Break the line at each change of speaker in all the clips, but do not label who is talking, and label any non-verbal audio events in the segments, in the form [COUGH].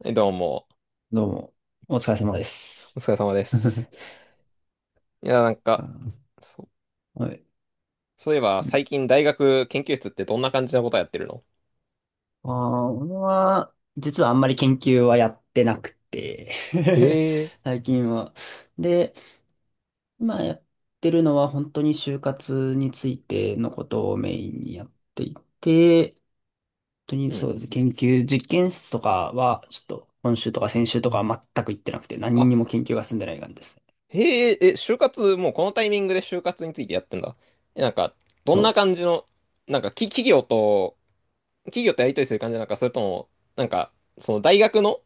はいどうも、
どうも、お疲れ様です。
お疲れ様です。いや、なん
あ
か、
ー、
そ、
はい。
そういえば、
うん
最近大学研究室ってどんな感じのことやってるの？
あ俺は、実はあんまり研究はやってなくて
へ
[LAUGHS]
え。
最近は。で、今やってるのは本当に就活についてのことをメインにやっていて、本当に
う
そ
ん。
うです。研究、実験室とかは、ちょっと今週とか先週とかは全く行ってなくて、何
あ、
にも研究が進んでない感じですね。
へえ、就活、もうこのタイミングで就活についてやってんだ。え、なんか、どん
そう
な
です。
感じの、企業と、企業とやりとりする感じなのか、それとも、なんか、その大学の、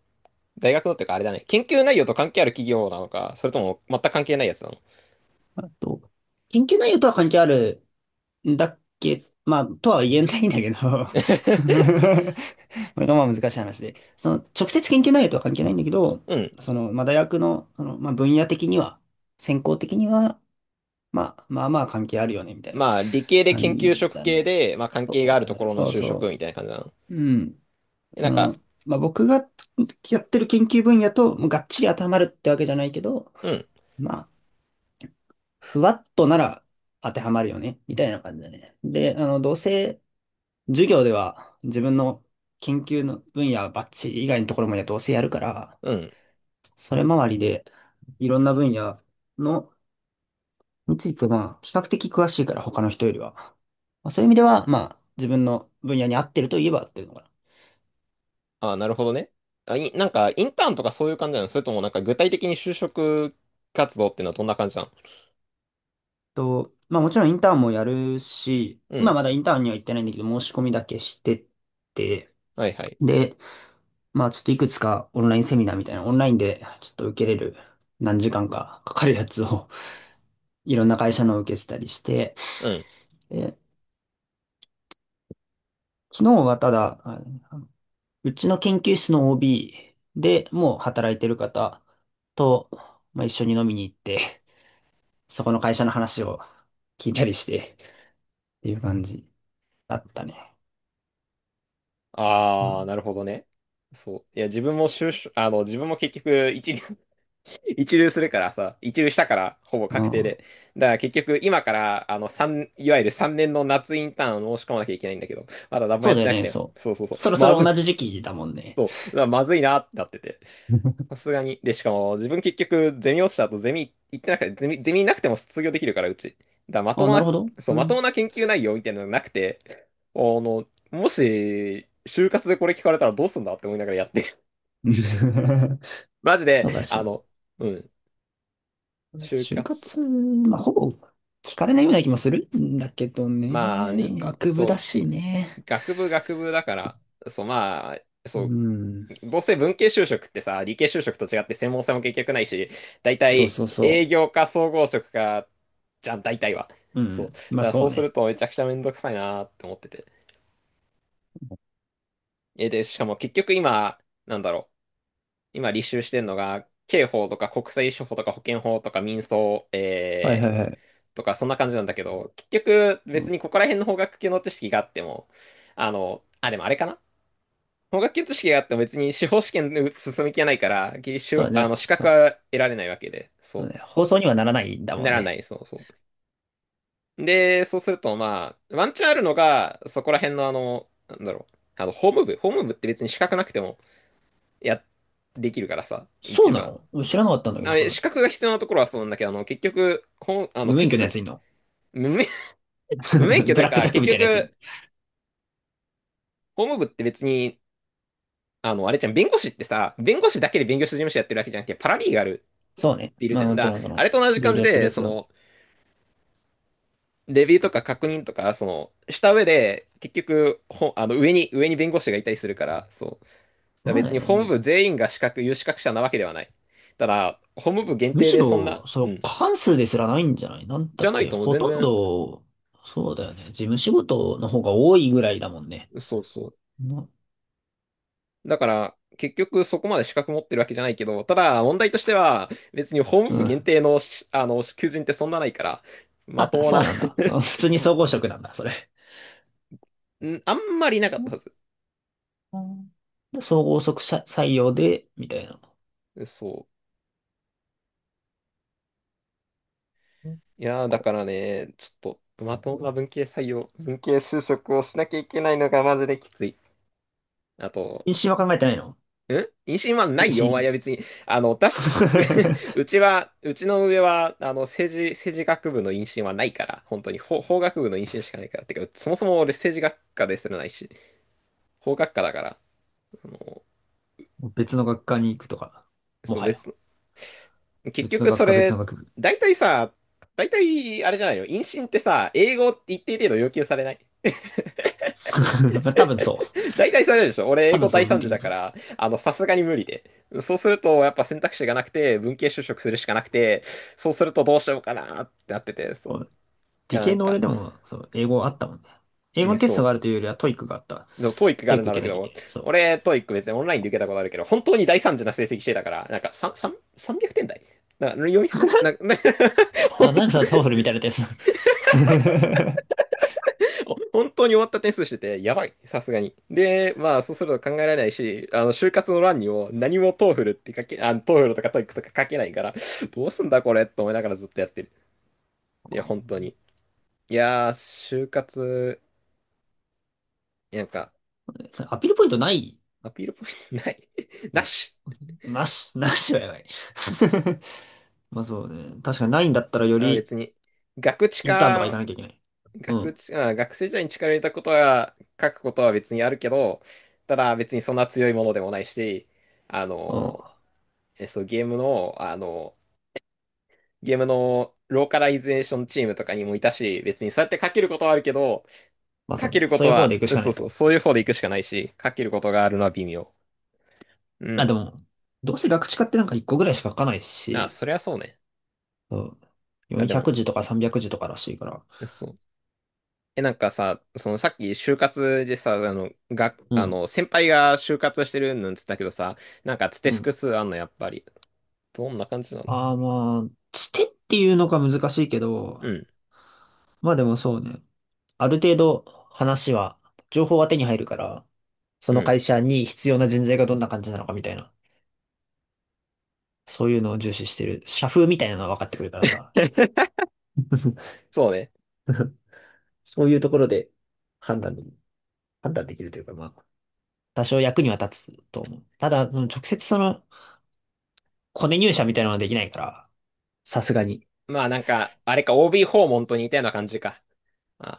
大学のっていうか、あれだね、研究内容と関係ある企業なのか、それとも全く関係ないやつなの？ [LAUGHS]
あと、研究内容とは関係あるだっけ、まあ、とは言えないんだけど [LAUGHS] これがまあ難しい話で、その直接研究内容とは関係ないんだけど、
うん。
まあ、大学の、まあ、分野的には、専攻的には、まあ、まあまあ関係あるよね、みたいな
まあ、理系で研
感じ
究職
だ
系
ね。
で、まあ、関
そ
係が
う
ある
だ
とこ
ね。
ろの
そう
就職
そ
みたいな感じなの。
う。うん。
えなんか、
まあ、僕がやってる研究分野と、もうがっちり当てはまるってわけじゃないけど、
うん、
まあ、ふわっとなら当てはまるよね、みたいな感じだね。で、どうせ、授業では自分の研究の分野バッチリ以外のところもやどうせやるから、
うん。
それ周りでいろんな分野のについてまあ比較的詳しいから他の人よりは。まあ、そういう意味ではまあ自分の分野に合ってるといえば合ってるのかな。
ああ、なるほどね。あ、い、なんか、インターンとかそういう感じなの？それともなんか具体的に就職活動っていうのはどんな感じなの？
まあもちろんインターンもやるし、
う
今
ん。
まだインターンには行ってないんだけど申し込みだけしてて、
はいはい。
で、まあちょっといくつかオンラインセミナーみたいなオンラインでちょっと受けれる何時間かかかるやつをいろんな会社のを受けてたりして、
うん。
で、昨日はただ、のうちの研究室の OB でもう働いてる方と、まあ、一緒に飲みに行って、[LAUGHS] そこの会社の話を聞いたりしてっていう感じだったね。う
ああ、
ん、
なるほどね。そう。いや、自分も就職、自分も結局一流、[LAUGHS] 一流するからさ、一流したから、ほぼ
う
確定
ん
で。だから結局、今から、いわゆる3年の夏インターンを申し込まなきゃいけないんだけど、まだ何も
そう
やっ
だ
て
よ
なく
ね、
て、
そ
そうそうそ
う。
う、
そろそ
ま
ろ
ずい、
同じ時期だもんね。
そう、うわまずいなってなってて。さ
[LAUGHS]
すがに。で、しかも、自分結局、ゼミ落ちた後、ゼミ行ってなくて、ゼミなくても卒業できるから、うち。まと
あ、
も
なる
な、
ほど。
そう、
う
まと
ん。
もな研究内容みたいなのがなくて、もし、就活でこれ聞かれたらどうすんだって思いながらやってる。
[LAUGHS]
[LAUGHS] マジで、
そうかしら。
うん、就
就
活。
活、まあ、ほぼ聞かれないような気もするんだけど
まあ
ね。
ね、
学部だ
そ
しね。
う、学部学部だから、そう、まあ、
う
そう、
ん。
どうせ文系就職ってさ、理系就職と違って専門性も結局ないし、大
そう
体
そうそ
営
う。
業か総合職か、じゃん、大体は。
う
そう。だ
ん。
か
まあ
ら
そ
そう
う
する
ね。
とめちゃくちゃめんどくさいなーって思ってて。で、しかも結局今、なんだろう。今履修してんのが、刑法とか国際司法とか保険法とか民訴、
はいはいはい。
とかそんな感じなんだけど、結局
う
別
ん、
にここら辺の法学系の知識があっても、でもあれかな。法学検討試験があっても別に司法試験に進む気はないから、技
そう
術
だね。
あの、資格
そう
は得られないわけで、
そう
そ
だね。放送にはならないんだ
う、
も
な
ん
らな
ね。
い、そうそう。で、そうすると、まあ、ワンチャンあるのが、そこら辺のあの、なんだろう、あの、法務部、法務部って別に資格なくても、や、できるからさ、
そ
一
うな
番。
の、俺知らなかったんだけど、
あ、
それ。
資格が必要なところはそうなんだけど、結局、ほん、あの、
無
手
免許の
続
やつ
き、
いんの？
無免、
[LAUGHS]
[LAUGHS] 無免許と
ブ
いう
ラック
か、
ジャック
結
みたいなやついん、
局、法務部って別に、あれじゃん、弁護士ってさ、弁護士だけで弁護士事務所やってるわけじゃなくて、パラリーガル
そうね。
いる
ま
じ
あ
ゃん。
もち
だ
ろ
から、
ん、そ
あ
の、
れと同じ
いろい
感
ろ
じ
やってる
で、
やつが。
レビューとか確認とか、した上で、結局、ほ、あの、上に、上に弁護士がいたりするから、そう。だから
そうだ
別に法務
よね。
部全員が資格、有資格者なわけではない。ただ、法務部限
む
定
し
でそんな、
ろ、そ
う
の、
ん。
過半数ですらないんじゃないなん
じ
だ
ゃ
っ
ない
て、
ともう
ほ
全
とん
然、
ど、そうだよね。事務仕事の方が多いぐらいだもんね。
そうそう。
な、
だから、結局そこまで資格持ってるわけじゃないけど、ただ問題としては、別に法
う
務部限
ん。
定のし、あの、求人ってそんなないから、ま
あ、
ともな
そ
[LAUGHS]
うなんだ。あ、普通に総合職なんだ、それ。
あんまりいなかったはず。
で総合職者採用で、みたいな。
そう。いやー、だか
こ
らね、ちょっと、まともな文系採用、文系就職をしなきゃいけないのがマジできつい。あと、
う。妊娠は考えてないの？
妊娠はな
妊
いよ、お前
娠。
は別に。あの、私、[LAUGHS] う
[LAUGHS]
ちは、うちの上は、政治学部の妊娠はないから、本当に、法学部の妊娠しかないから。てか、そもそも俺政治学科ですらないし、法学科だから、あの、
別の学科に行くとか、も
そう、
はや。
別の、結
別の
局
学
そ
科、別の
れ、
学部。
大体さ、大体、あれじゃないの、妊娠ってさ、英語一定程度要求されない？
[LAUGHS] まあ多分そう。
大体それでしょ。俺、英
多
語
分そう、
大
部分
惨事
的
だ
に
か
そう。
ら、あの、さすがに無理で。そうすると、やっぱ選択肢がなくて、文系就職するしかなくて、そうするとどうしようかなってなってて、そ
こ
う。
う、
い
理
や、な
系
ん
の
か、
俺でも、そう、英語あったもんね。英
う
語
ん、
のテスト
そ
があ
う。
るというよりはトイックがあった。
でも、トーイックが
ト
あ
イ
る
ッ
ん
ク受
だろ
け
うけ
なきゃいけ
ど、
ない。そう。
俺、トーイック別にオンラインで受けたことあるけど、本当に大惨事な成績してたから、なんか、3、3、300点台な400点、[LAUGHS] 本
あ、なんさ、トーフルみたいなテスト。
[LAUGHS] 本当に終わった点数してて、やばい、さすがに。で、まあ、そうすると考えられないし、就活の欄にも何もトーフルって書け、あの、トーフルとかトイックとか書けないから、どうすんだこれと思いながらずっとやってる。いや、本当に。いやー、就活、なんか、
[LAUGHS] アピールポイントない
アピールポイントない [LAUGHS] な
の？
し。
なし、なしはやばい。[LAUGHS] まあそうね。確かにないんだったらよ
あ、
り
別に。学知
インターンとか行か
か、
なきゃいけない。う
学
ん。
知、あ、学生時代に力を入れたことは、書くことは別にあるけど、ただ別にそんな強いものでもないし、あ
うん。
の、え、そう、ゲームの、ゲームのローカライゼーションチームとかにもいたし、別にそうやってかけることはあるけど、
まあそ
か
う
け
ね。
るこ
そう
と
いう方で
は、
行くしかな
そう
い。
そう、そういう方で行くしかないし、かけることがあるのは微妙。う
あ、
ん。
でも、どうせ学知化ってなんか1個ぐらいしか書かない
まあ、
し、
そりゃそうね。
そう、
あ、で
400
も、
字とか300字とからしいから。
そう。え、なんかさ、そのさっき就活でさ、あの、が、
う
あ
ん、
の、先輩が就活してるなんつったけどさ、なんかつて
うん。
複数あんの、やっぱり。どんな感じなの？
ああ、まあ、つてっていうのが難しいけど、
うん、
まあでもそうね。ある程度話は、情報は手に入るから、そ
う
の
ん。
会社に必要な人材がどんな感じなのかみたいな、そういうのを重視してる。社風みたいなのは分かってくるからさ。
[LAUGHS] そうね。
[LAUGHS] そういうところで判断で、判断できるというか、まあ、多少役には立つと思う。ただ、その直接そのコネ入社みたいなのはできないから。さすがに。
まあなんか、あれか、OB 訪問と似たような感じか。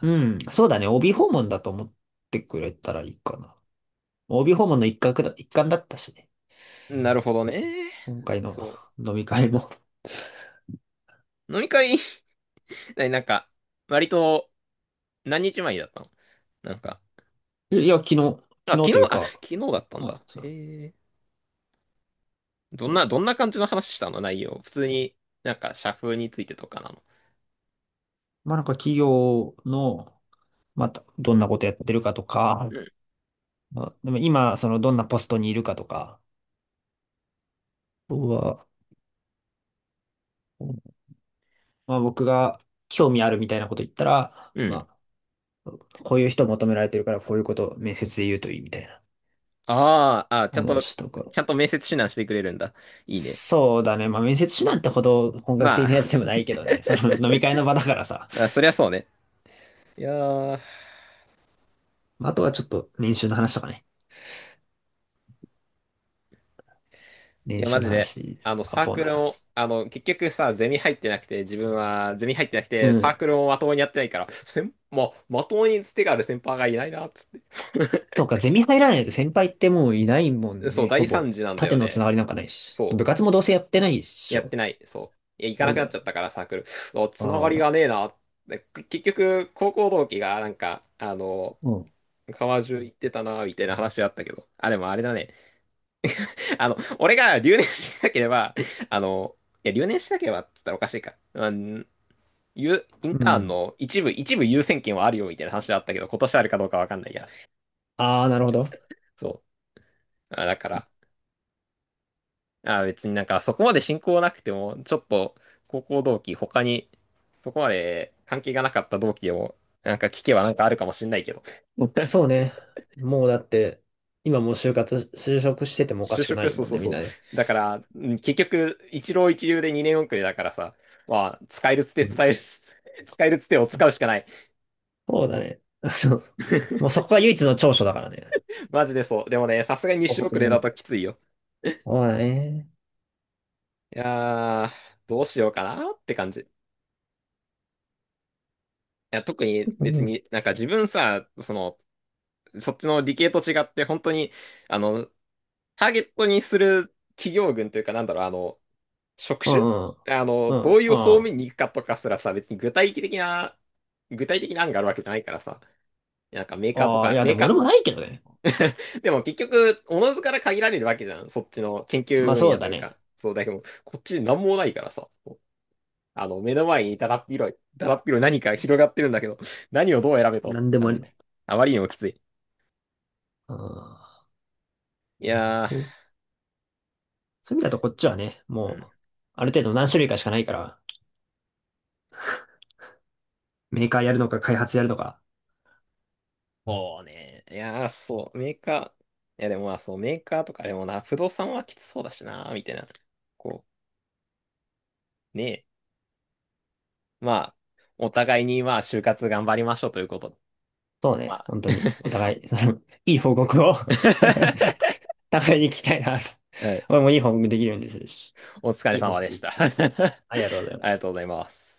うん、そうだね。帯訪問だと思ってくれたらいいかな。帯訪問の一角だ、一環だったしね。
なるほどね。
今回の
そう。
飲み会も。
飲み会 [LAUGHS] ななんか、割と何日前にだったの？なんか、
[LAUGHS] いや、昨日、
あ、
昨
昨
日
日、
という
あ、
か、
昨日だったん
ま
だ。
あ、そ
へ
う。
え。どんな、どんな感じの話したの内容。普通に、なんか、社風についてとかなの？
まあ、なんか企業の、また、どんなことやってるかとか、
うん。
まあ、でも今、その、どんなポストにいるかとか、僕は、僕が興味あるみたいなこと言ったら、
うん。
まあ、こういう人求められてるから、こういうことを面接で言うといいみたいな
ああ、あ、ちゃんと、
話とか。
ちゃんと面接指南してくれるんだ。いいね。
そうだね。まあ、面接指南ってほど本格
ま
的なや
あ、
つでもないけどね。[LAUGHS] その飲み会の場だからさ。
[LAUGHS] あ、そりゃそうね。いやー、
まあ、あとはちょっと年収の話とかね。
い
年
や、マ
収の
ジで、
話、あ、
サー
ボー
ク
ナ
ル
ス
も、
話。
結局さ、ゼミ入ってなくて、自分はゼミ入ってなく
う
て、サー
ん。
クルもまともにやってないから、まともにつてがある先輩がいないな、つって。
そうか、ゼミ入らないと先輩ってもういないもん
そう、
ね。ほ
大
ぼ。
惨事なんだ
縦
よ
のつな
ね。
がりなんかないし。
そ
部活もどうせやってないっ
う。
し
やって
ょ。
ない。そう。いや、行か
そ
な
う
く
だ
なっ
よ
ちゃっ
ね。
たから、サークル。お、
あ
つながりがねえ
あ。
な。結局、高校同期が、
うん。
川中行ってたな、みたいな話あったけど。あ、でもあれだね。俺が留年しなければ、あの、いや、留年しなければって言ったらおかしいか。うん、イン
う
ターン
ん。
の一部、一部優先権はあるよ、みたいな話あったけど、今年あるかどうかわかんないや。
ああ、なるほど。
そう。あだから、あ、別になんかそこまで親交なくても、ちょっと高校同期、他にそこまで関係がなかった同期を、なんか聞けばなんかあるかもしんないけど。
そう
[LAUGHS]
ね。もうだって、今もう就活、就職しててもおか
就
しくな
職、
い
そう
もん
そう
ね、み
そ
ん
う。
なね。
だから、結局、一浪一流で2年遅れだからさ、まあ、使えるつて
うん。
伝える、[LAUGHS] 使えるつてを使うしかない。
そうだね。[LAUGHS] あの、もうそ
[LAUGHS]
こが唯一の長所だからね。
マジでそう。でもね、さすがに2
お
週
発
遅れ
言
だ
の。
ときついよ。
そうだね。
いやー、どうしようかなって感じ。いや、特に
う
別
ん。
になんか自分さ、そっちの理系と違って本当に、あの、ターゲットにする企業群というか、職
う
種
ん、うん、う
どう
ん、
い
う
う方
ん。
面に行くかとかすらさ、別に具体的な、具体的な案があるわけじゃないからさ、なんかメーカーと
ああ、い
か、
や、
メ
で
ー
も俺
カ
もないけどね。
ー、でも結局、おのずから限られるわけじゃん、そっちの研究
まあ
分
そ
野
う
と
だ
いう
ね。
か。そう、だけど、こっちなんもないからさ、目の前にだだっ広い、だだっ広い何か広がってるんだけど、何をどう選べとっ
なん
て
でも
感
あ
じ
り。
で、あまりにもきつい。
ああ、
いやー、
そう、そういう意味だとこっちはね、
う
も
ん
う、ある程度何種類かしかないから、メーカーやるのか開発やるのか。
そうね。いやー、そう、メーカー、いやでもまあ、そう、メーカーとかでもな、不動産はきつそうだしな、みたいな。こねえ、まあ、お互いにまあ、就活頑張りましょうということで。
そう
ま
ね、
あ、
本当に、お
[LAUGHS]
互い、[LAUGHS] そのいい報告を [LAUGHS] 互いに聞きたいなと。
はい
俺もいい報告できるようにするし、
お疲
い
れ
い報
様
告
で
聞
した。
きたい。
[LAUGHS]
ありがとうございま
ありが
す。
とうございます。